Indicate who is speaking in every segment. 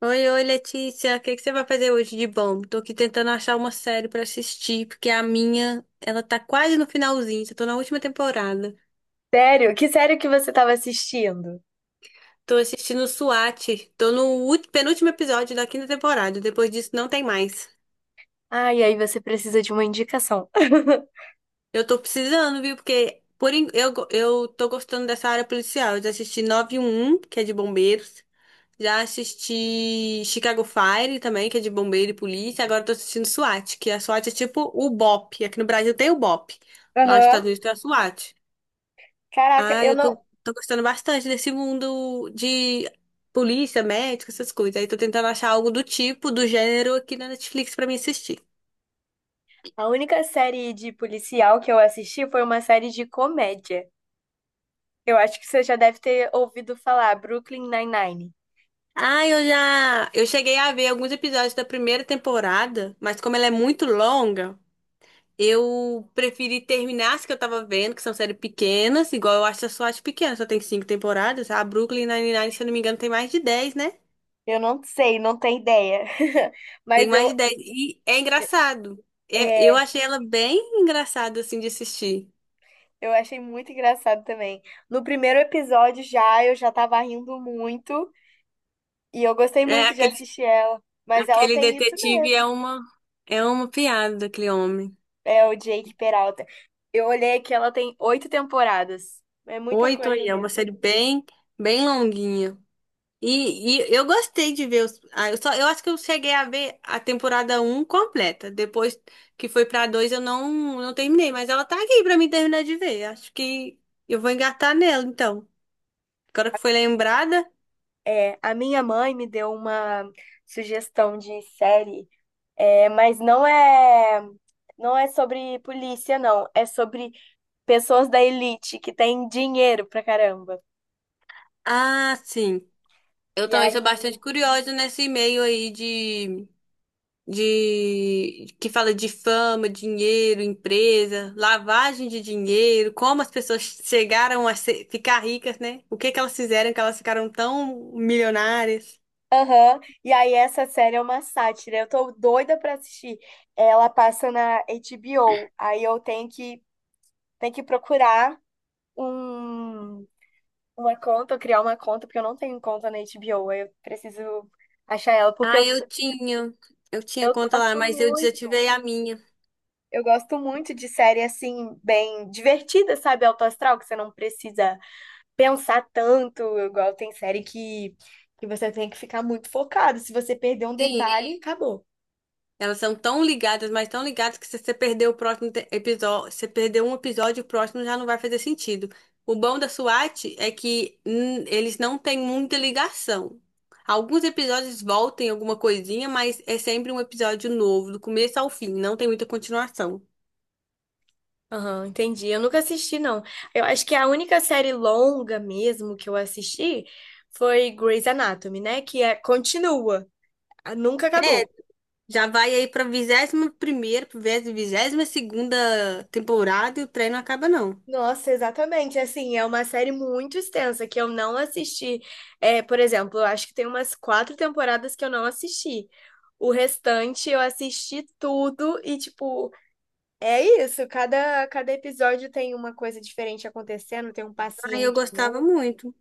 Speaker 1: Oi, oi, Letícia. O que que você vai fazer hoje de bom? Tô aqui tentando achar uma série pra assistir, porque a minha, ela tá quase no finalzinho, já tô na última temporada.
Speaker 2: Sério? Que série que você estava assistindo?
Speaker 1: Tô assistindo SWAT, tô no penúltimo episódio da quinta temporada, depois disso não tem mais.
Speaker 2: Ah, e aí você precisa de uma indicação.
Speaker 1: Eu tô precisando, viu? Porque por, en- eu, go- eu tô gostando dessa área policial. Eu já assisti 9-1-1, que é de bombeiros. Já assisti Chicago Fire também, que é de bombeiro e polícia. Agora eu tô assistindo SWAT, que a SWAT é tipo o BOP. Aqui no Brasil tem o BOP. Lá nos
Speaker 2: Aham.
Speaker 1: Estados Unidos tem a SWAT.
Speaker 2: Caraca,
Speaker 1: Ah,
Speaker 2: eu
Speaker 1: eu
Speaker 2: não.
Speaker 1: tô, tô gostando bastante desse mundo de polícia, médico, essas coisas. Aí tô tentando achar algo do tipo, do gênero aqui na Netflix pra mim assistir.
Speaker 2: A única série de policial que eu assisti foi uma série de comédia. Eu acho que você já deve ter ouvido falar, Brooklyn Nine-Nine.
Speaker 1: Ah, eu já. Eu cheguei a ver alguns episódios da primeira temporada, mas como ela é muito longa. Eu preferi terminar as que eu tava vendo, que são séries pequenas, igual eu acho a eu pequena, só tem cinco temporadas. A Brooklyn Nine-Nine, se eu não me engano, tem mais de 10, né?
Speaker 2: Eu não sei, não tenho ideia.
Speaker 1: Tem
Speaker 2: Mas
Speaker 1: mais de dez. E é engraçado. Eu
Speaker 2: é,
Speaker 1: achei ela bem engraçada, assim, de assistir.
Speaker 2: eu achei muito engraçado também. No primeiro episódio já, eu já tava rindo muito. E eu gostei
Speaker 1: É,
Speaker 2: muito de
Speaker 1: aquele,
Speaker 2: assistir ela. Mas ela
Speaker 1: aquele
Speaker 2: tem isso
Speaker 1: detetive é
Speaker 2: mesmo.
Speaker 1: uma piada, aquele homem.
Speaker 2: É o Jake Peralta. Eu olhei que ela tem oito temporadas. É muita
Speaker 1: Oito
Speaker 2: coisa
Speaker 1: aí, é uma
Speaker 2: mesmo.
Speaker 1: série bem, bem longuinha. E eu gostei de ver os. Ah, eu só, eu acho que eu cheguei a ver a temporada um completa. Depois que foi pra 2 eu não terminei. Mas ela tá aqui pra mim terminar de ver. Acho que eu vou engatar nela, então. Agora que foi lembrada.
Speaker 2: É, a minha mãe me deu uma sugestão de série, mas não é sobre polícia, não. É sobre pessoas da elite que têm dinheiro pra caramba.
Speaker 1: Ah, sim. Eu
Speaker 2: E
Speaker 1: também
Speaker 2: aí,
Speaker 1: sou bastante curiosa nesse meio aí de que fala de fama, dinheiro, empresa, lavagem de dinheiro, como as pessoas chegaram a ficar ricas, né? O que que elas fizeram que elas ficaram tão milionárias?
Speaker 2: aham, e aí essa série é uma sátira. Eu tô doida pra assistir. Ela passa na HBO. Aí tenho que procurar um uma conta, criar uma conta, porque eu não tenho conta na HBO, aí eu preciso achar ela,
Speaker 1: Ah, eu tinha
Speaker 2: eu
Speaker 1: conta lá,
Speaker 2: gosto
Speaker 1: mas eu
Speaker 2: muito.
Speaker 1: desativei a minha.
Speaker 2: Eu gosto muito de série assim, bem divertida, sabe? Alto astral, que você não precisa pensar tanto, igual tem que você tem que ficar muito focado. Se você perder um
Speaker 1: Sim,
Speaker 2: detalhe, acabou.
Speaker 1: elas são tão ligadas, mas tão ligadas que se você perder o próximo episódio, se você perder um episódio, o próximo já não vai fazer sentido. O bom da SWAT é que eles não têm muita ligação. Alguns episódios voltam em alguma coisinha, mas é sempre um episódio novo, do começo ao fim, não tem muita continuação.
Speaker 2: Aham, entendi. Eu nunca assisti, não. Eu acho que a única série longa mesmo que eu assisti foi Grey's Anatomy, né? Continua, nunca
Speaker 1: É,
Speaker 2: acabou.
Speaker 1: já vai aí pra 21ª, pra 22ª temporada e o trem não acaba não.
Speaker 2: Nossa, exatamente. Assim, é uma série muito extensa que eu não assisti. É, por exemplo, eu acho que tem umas quatro temporadas que eu não assisti. O restante eu assisti tudo e, tipo, é isso. Cada episódio tem uma coisa diferente acontecendo, tem um
Speaker 1: Aí eu
Speaker 2: paciente
Speaker 1: gostava
Speaker 2: novo.
Speaker 1: muito.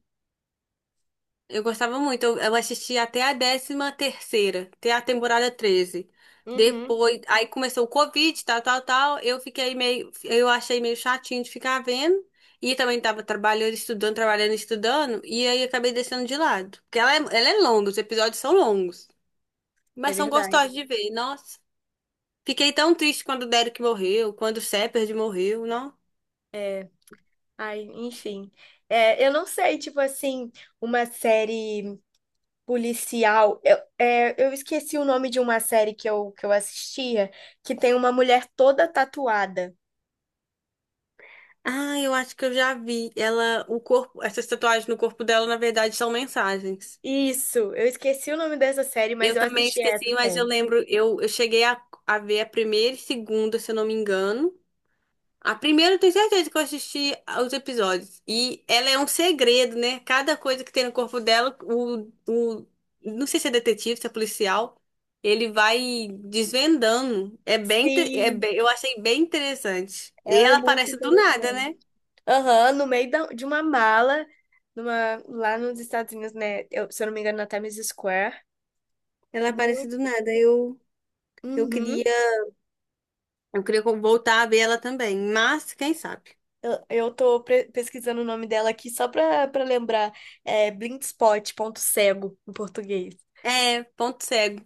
Speaker 1: Eu gostava muito. Eu assisti até a décima terceira, até a temporada 13.
Speaker 2: Uhum,
Speaker 1: Depois, aí começou o Covid, tal, tal, tal. Eu fiquei meio, eu achei meio chatinho de ficar vendo. E também tava trabalhando, estudando, trabalhando, estudando. E aí acabei deixando de lado. Porque ela é longa, os episódios são longos.
Speaker 2: é
Speaker 1: Mas são
Speaker 2: verdade.
Speaker 1: gostosos de ver. Nossa, fiquei tão triste quando o Derek morreu, quando o Shepard morreu, não?
Speaker 2: É, ai, enfim. É, eu não sei, tipo assim, uma série policial. Eu esqueci o nome de uma série que eu assistia, que tem uma mulher toda tatuada.
Speaker 1: Ah, eu acho que eu já vi. Ela, o corpo, essas tatuagens no corpo dela, na verdade, são mensagens.
Speaker 2: Isso, eu esqueci o nome dessa série, mas
Speaker 1: Eu
Speaker 2: eu
Speaker 1: também
Speaker 2: assisti essa
Speaker 1: esqueci, mas eu
Speaker 2: série.
Speaker 1: lembro, eu cheguei a ver a primeira e segunda, se eu não me engano. A primeira eu tenho certeza que eu assisti aos episódios. E ela é um segredo, né? Cada coisa que tem no corpo dela, não sei se é detetive, se é policial, ele vai desvendando. É é
Speaker 2: Sim,
Speaker 1: bem, eu achei bem interessante. E
Speaker 2: ela é
Speaker 1: ela
Speaker 2: muito
Speaker 1: aparece do nada,
Speaker 2: interessante.
Speaker 1: né?
Speaker 2: Aham, no meio de uma mala, numa, lá nos Estados Unidos, né? Se eu não me engano, na Times Square.
Speaker 1: Ela aparece do
Speaker 2: Muito.
Speaker 1: nada. Eu
Speaker 2: Uhum.
Speaker 1: queria, eu queria voltar a ver ela também, mas quem sabe?
Speaker 2: Eu tô pesquisando o nome dela aqui só pra lembrar. É Blindspot, ponto cego, em português.
Speaker 1: É, ponto cego.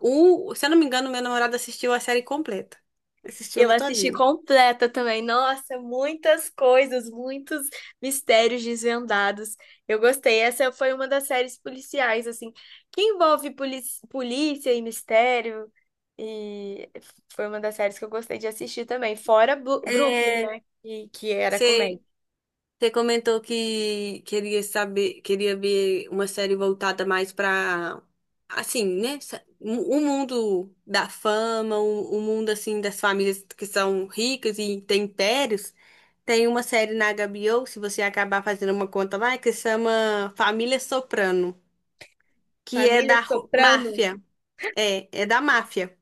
Speaker 1: Se eu não me engano, meu namorado assistiu a série completa. Assistiu
Speaker 2: Eu
Speaker 1: ela
Speaker 2: assisti
Speaker 1: todinha.
Speaker 2: completa também. Nossa, muitas coisas, muitos mistérios desvendados. Eu gostei. Essa foi uma das séries policiais, assim, que envolve polícia e mistério. E foi uma das séries que eu gostei de assistir também. Fora Brooklyn,
Speaker 1: É,
Speaker 2: né? que era comédia.
Speaker 1: você você comentou que queria saber, queria ver uma série voltada mais para, assim, né? O mundo da fama, o mundo, assim, das famílias que são ricas e têm impérios. Tem uma série na HBO, se você acabar fazendo uma conta lá, que se chama Família Soprano, que é
Speaker 2: Família
Speaker 1: da
Speaker 2: Soprano.
Speaker 1: máfia. É, é da máfia.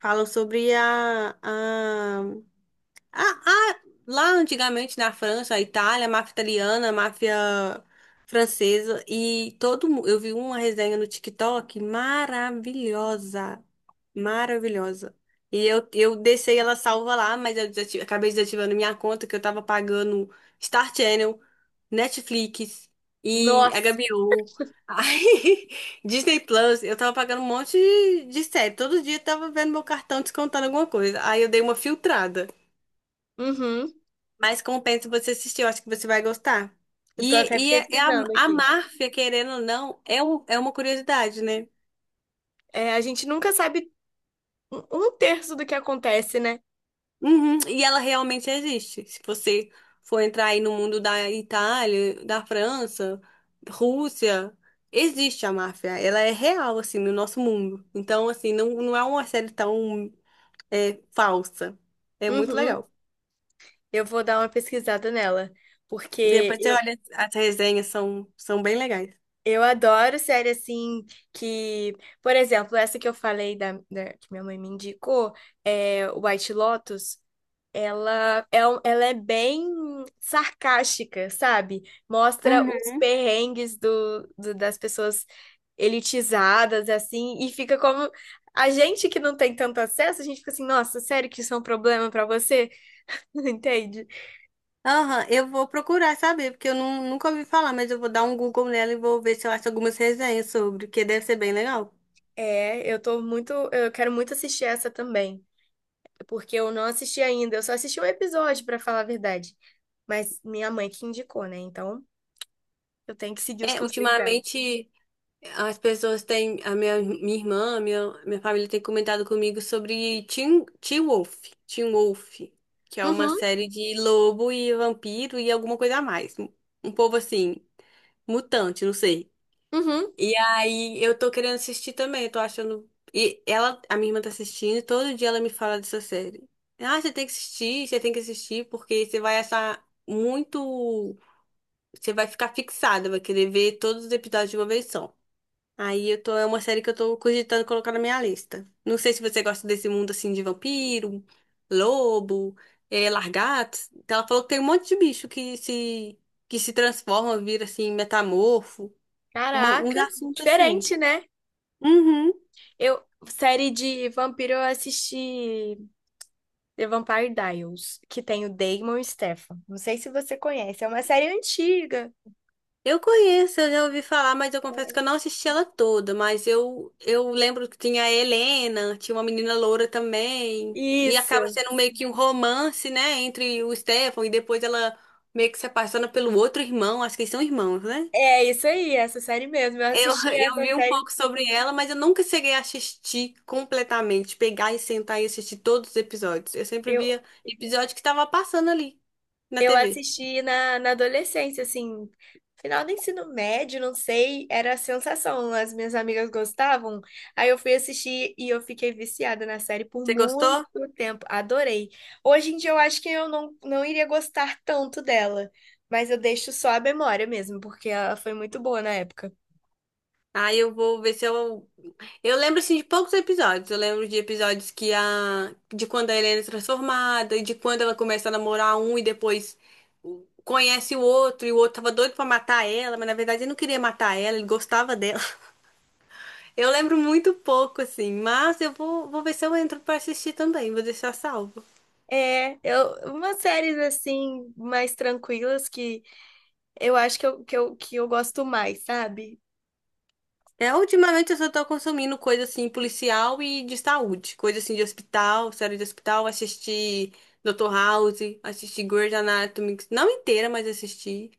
Speaker 1: Falam sobre ah, ah, lá antigamente na França, Itália, máfia italiana, máfia francesa e todo mundo. Eu vi uma resenha no TikTok maravilhosa, maravilhosa. E eu deixei ela salva lá, mas eu acabei desativando minha conta que eu tava pagando Star Channel, Netflix e
Speaker 2: Nossa.
Speaker 1: HBO, aí, Disney Plus. Eu tava pagando um monte de série. Todo dia eu tava vendo meu cartão descontando alguma coisa. Aí eu dei uma filtrada.
Speaker 2: Uhum.
Speaker 1: Mas compensa você assistir, eu acho que você vai gostar.
Speaker 2: Eu tô
Speaker 1: E,
Speaker 2: até
Speaker 1: e a,
Speaker 2: pesquisando
Speaker 1: a
Speaker 2: aqui.
Speaker 1: máfia, querendo ou não, é uma curiosidade, né?
Speaker 2: É, a gente nunca sabe um terço do que acontece, né?
Speaker 1: Uhum, e ela realmente existe. Se você for entrar aí no mundo da Itália, da França, Rússia, existe a máfia. Ela é real, assim, no nosso mundo. Então, assim, não, não é uma série tão é, falsa. É muito
Speaker 2: Uhum.
Speaker 1: legal.
Speaker 2: Eu vou dar uma pesquisada nela, porque
Speaker 1: Depois você
Speaker 2: eu,
Speaker 1: olha, as resenhas são, são bem legais.
Speaker 2: eu adoro série assim que, por exemplo, essa que eu falei que minha mãe me indicou, é White Lotus, ela é, ela é bem sarcástica, sabe? Mostra os
Speaker 1: Uhum.
Speaker 2: perrengues das pessoas elitizadas, assim, e fica como a gente que não tem tanto acesso, a gente fica assim, nossa, sério que isso é um problema pra você? Entende?
Speaker 1: Aham, eu vou procurar saber, porque eu não, nunca ouvi falar, mas eu vou dar um Google nela e vou ver se eu acho algumas resenhas sobre, que deve ser bem legal.
Speaker 2: É, eu tô muito, eu quero muito assistir essa também, porque eu não assisti ainda, eu só assisti um episódio, pra falar a verdade. Mas minha mãe que indicou, né? Então, eu tenho que seguir os
Speaker 1: É,
Speaker 2: conselhos dela.
Speaker 1: ultimamente as pessoas têm, a minha, minha irmã, minha família tem comentado comigo sobre Teen Wolf, que é uma
Speaker 2: Uhum,
Speaker 1: série de lobo e vampiro e alguma coisa a mais. Um povo assim, mutante, não sei.
Speaker 2: uhum.
Speaker 1: E aí eu tô querendo assistir também, eu tô achando. E ela, a minha irmã tá assistindo, e todo dia ela me fala dessa série. Ah, você tem que assistir, você tem que assistir, porque você vai achar muito. Você vai ficar fixada, vai querer ver todos os episódios de uma vez só. Aí eu tô, é uma série que eu tô cogitando colocar na minha lista. Não sei se você gosta desse mundo assim de vampiro, lobo, largatos. Então, ela falou que tem um monte de bicho que se transforma, vira assim, metamorfo. Um
Speaker 2: Caraca,
Speaker 1: assunto assim.
Speaker 2: diferente, né?
Speaker 1: Uhum.
Speaker 2: Eu, série de vampiro, eu assisti The Vampire Diaries, que tem o Damon e o Stefan. Não sei se você conhece, é uma série antiga.
Speaker 1: Eu conheço, eu já ouvi falar, mas eu confesso que eu não assisti ela toda, mas eu lembro que tinha a Helena, tinha uma menina loura também, e acaba
Speaker 2: Isso.
Speaker 1: sendo meio que um romance, né, entre o Stefan e depois ela meio que se apaixona pelo outro irmão, acho que eles são irmãos, né?
Speaker 2: É isso aí, essa série mesmo. Eu
Speaker 1: Eu,
Speaker 2: assisti
Speaker 1: eu
Speaker 2: essa
Speaker 1: vi um
Speaker 2: série.
Speaker 1: pouco sobre ela, mas eu nunca cheguei a assistir completamente, pegar e sentar e assistir todos os episódios. Eu sempre
Speaker 2: eu
Speaker 1: via episódio que tava passando ali na
Speaker 2: Eu
Speaker 1: TV.
Speaker 2: assisti na, na adolescência, assim, final do ensino médio, não sei, era a sensação. As minhas amigas gostavam, aí eu fui assistir e eu fiquei viciada na série por
Speaker 1: Você
Speaker 2: muito
Speaker 1: gostou?
Speaker 2: tempo. Adorei. Hoje em dia eu acho que eu não, não iria gostar tanto dela, mas eu deixo só a memória mesmo, porque ela foi muito boa na época.
Speaker 1: Aí eu vou ver se eu eu lembro, assim, de poucos episódios. Eu lembro de episódios que a... De quando a Helena é transformada, e de quando ela começa a namorar um e depois conhece o outro, e o outro tava doido pra matar ela, mas na verdade ele não queria matar ela, ele gostava dela. Eu lembro muito pouco, assim, mas eu vou, vou ver se eu entro pra assistir também, vou deixar salvo.
Speaker 2: É, eu, umas séries assim, mais tranquilas que eu acho que eu, que eu, que eu gosto mais, sabe?
Speaker 1: É, ultimamente eu só tô consumindo coisa, assim, policial e de saúde. Coisa, assim, de hospital, série de hospital, assisti... Dr. House, assisti Grey's Anatomy, não inteira, mas assisti.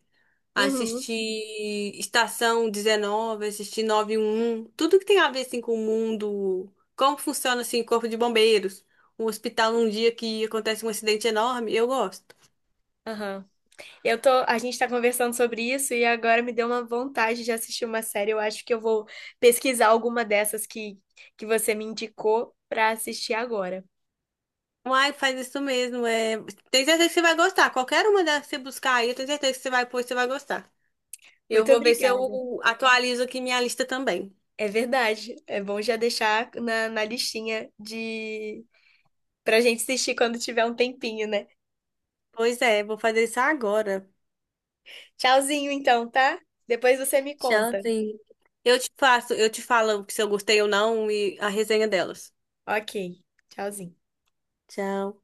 Speaker 2: Uhum,
Speaker 1: Assistir Estação 19, assisti tudo que tem a ver assim com o mundo, como funciona assim o corpo de bombeiros, um hospital num dia que acontece um acidente enorme, eu gosto.
Speaker 2: aham. Eu tô, a gente tá conversando sobre isso e agora me deu uma vontade de assistir uma série. Eu acho que eu vou pesquisar alguma que você me indicou pra assistir agora.
Speaker 1: Uai, faz isso mesmo, é, tem certeza que você vai gostar. Qualquer uma delas que você buscar aí, eu tenho certeza que você vai pôr, você vai gostar. Eu
Speaker 2: Muito
Speaker 1: vou ver se
Speaker 2: obrigada.
Speaker 1: eu atualizo aqui minha lista também.
Speaker 2: É verdade. É bom já deixar na listinha de pra gente assistir quando tiver um tempinho, né?
Speaker 1: Pois é, vou fazer isso agora.
Speaker 2: Tchauzinho então, tá? Depois você me conta.
Speaker 1: Tchauzinho. Eu te faço, eu te falo se eu gostei ou não e a resenha delas.
Speaker 2: Ok. Tchauzinho.
Speaker 1: Tchau.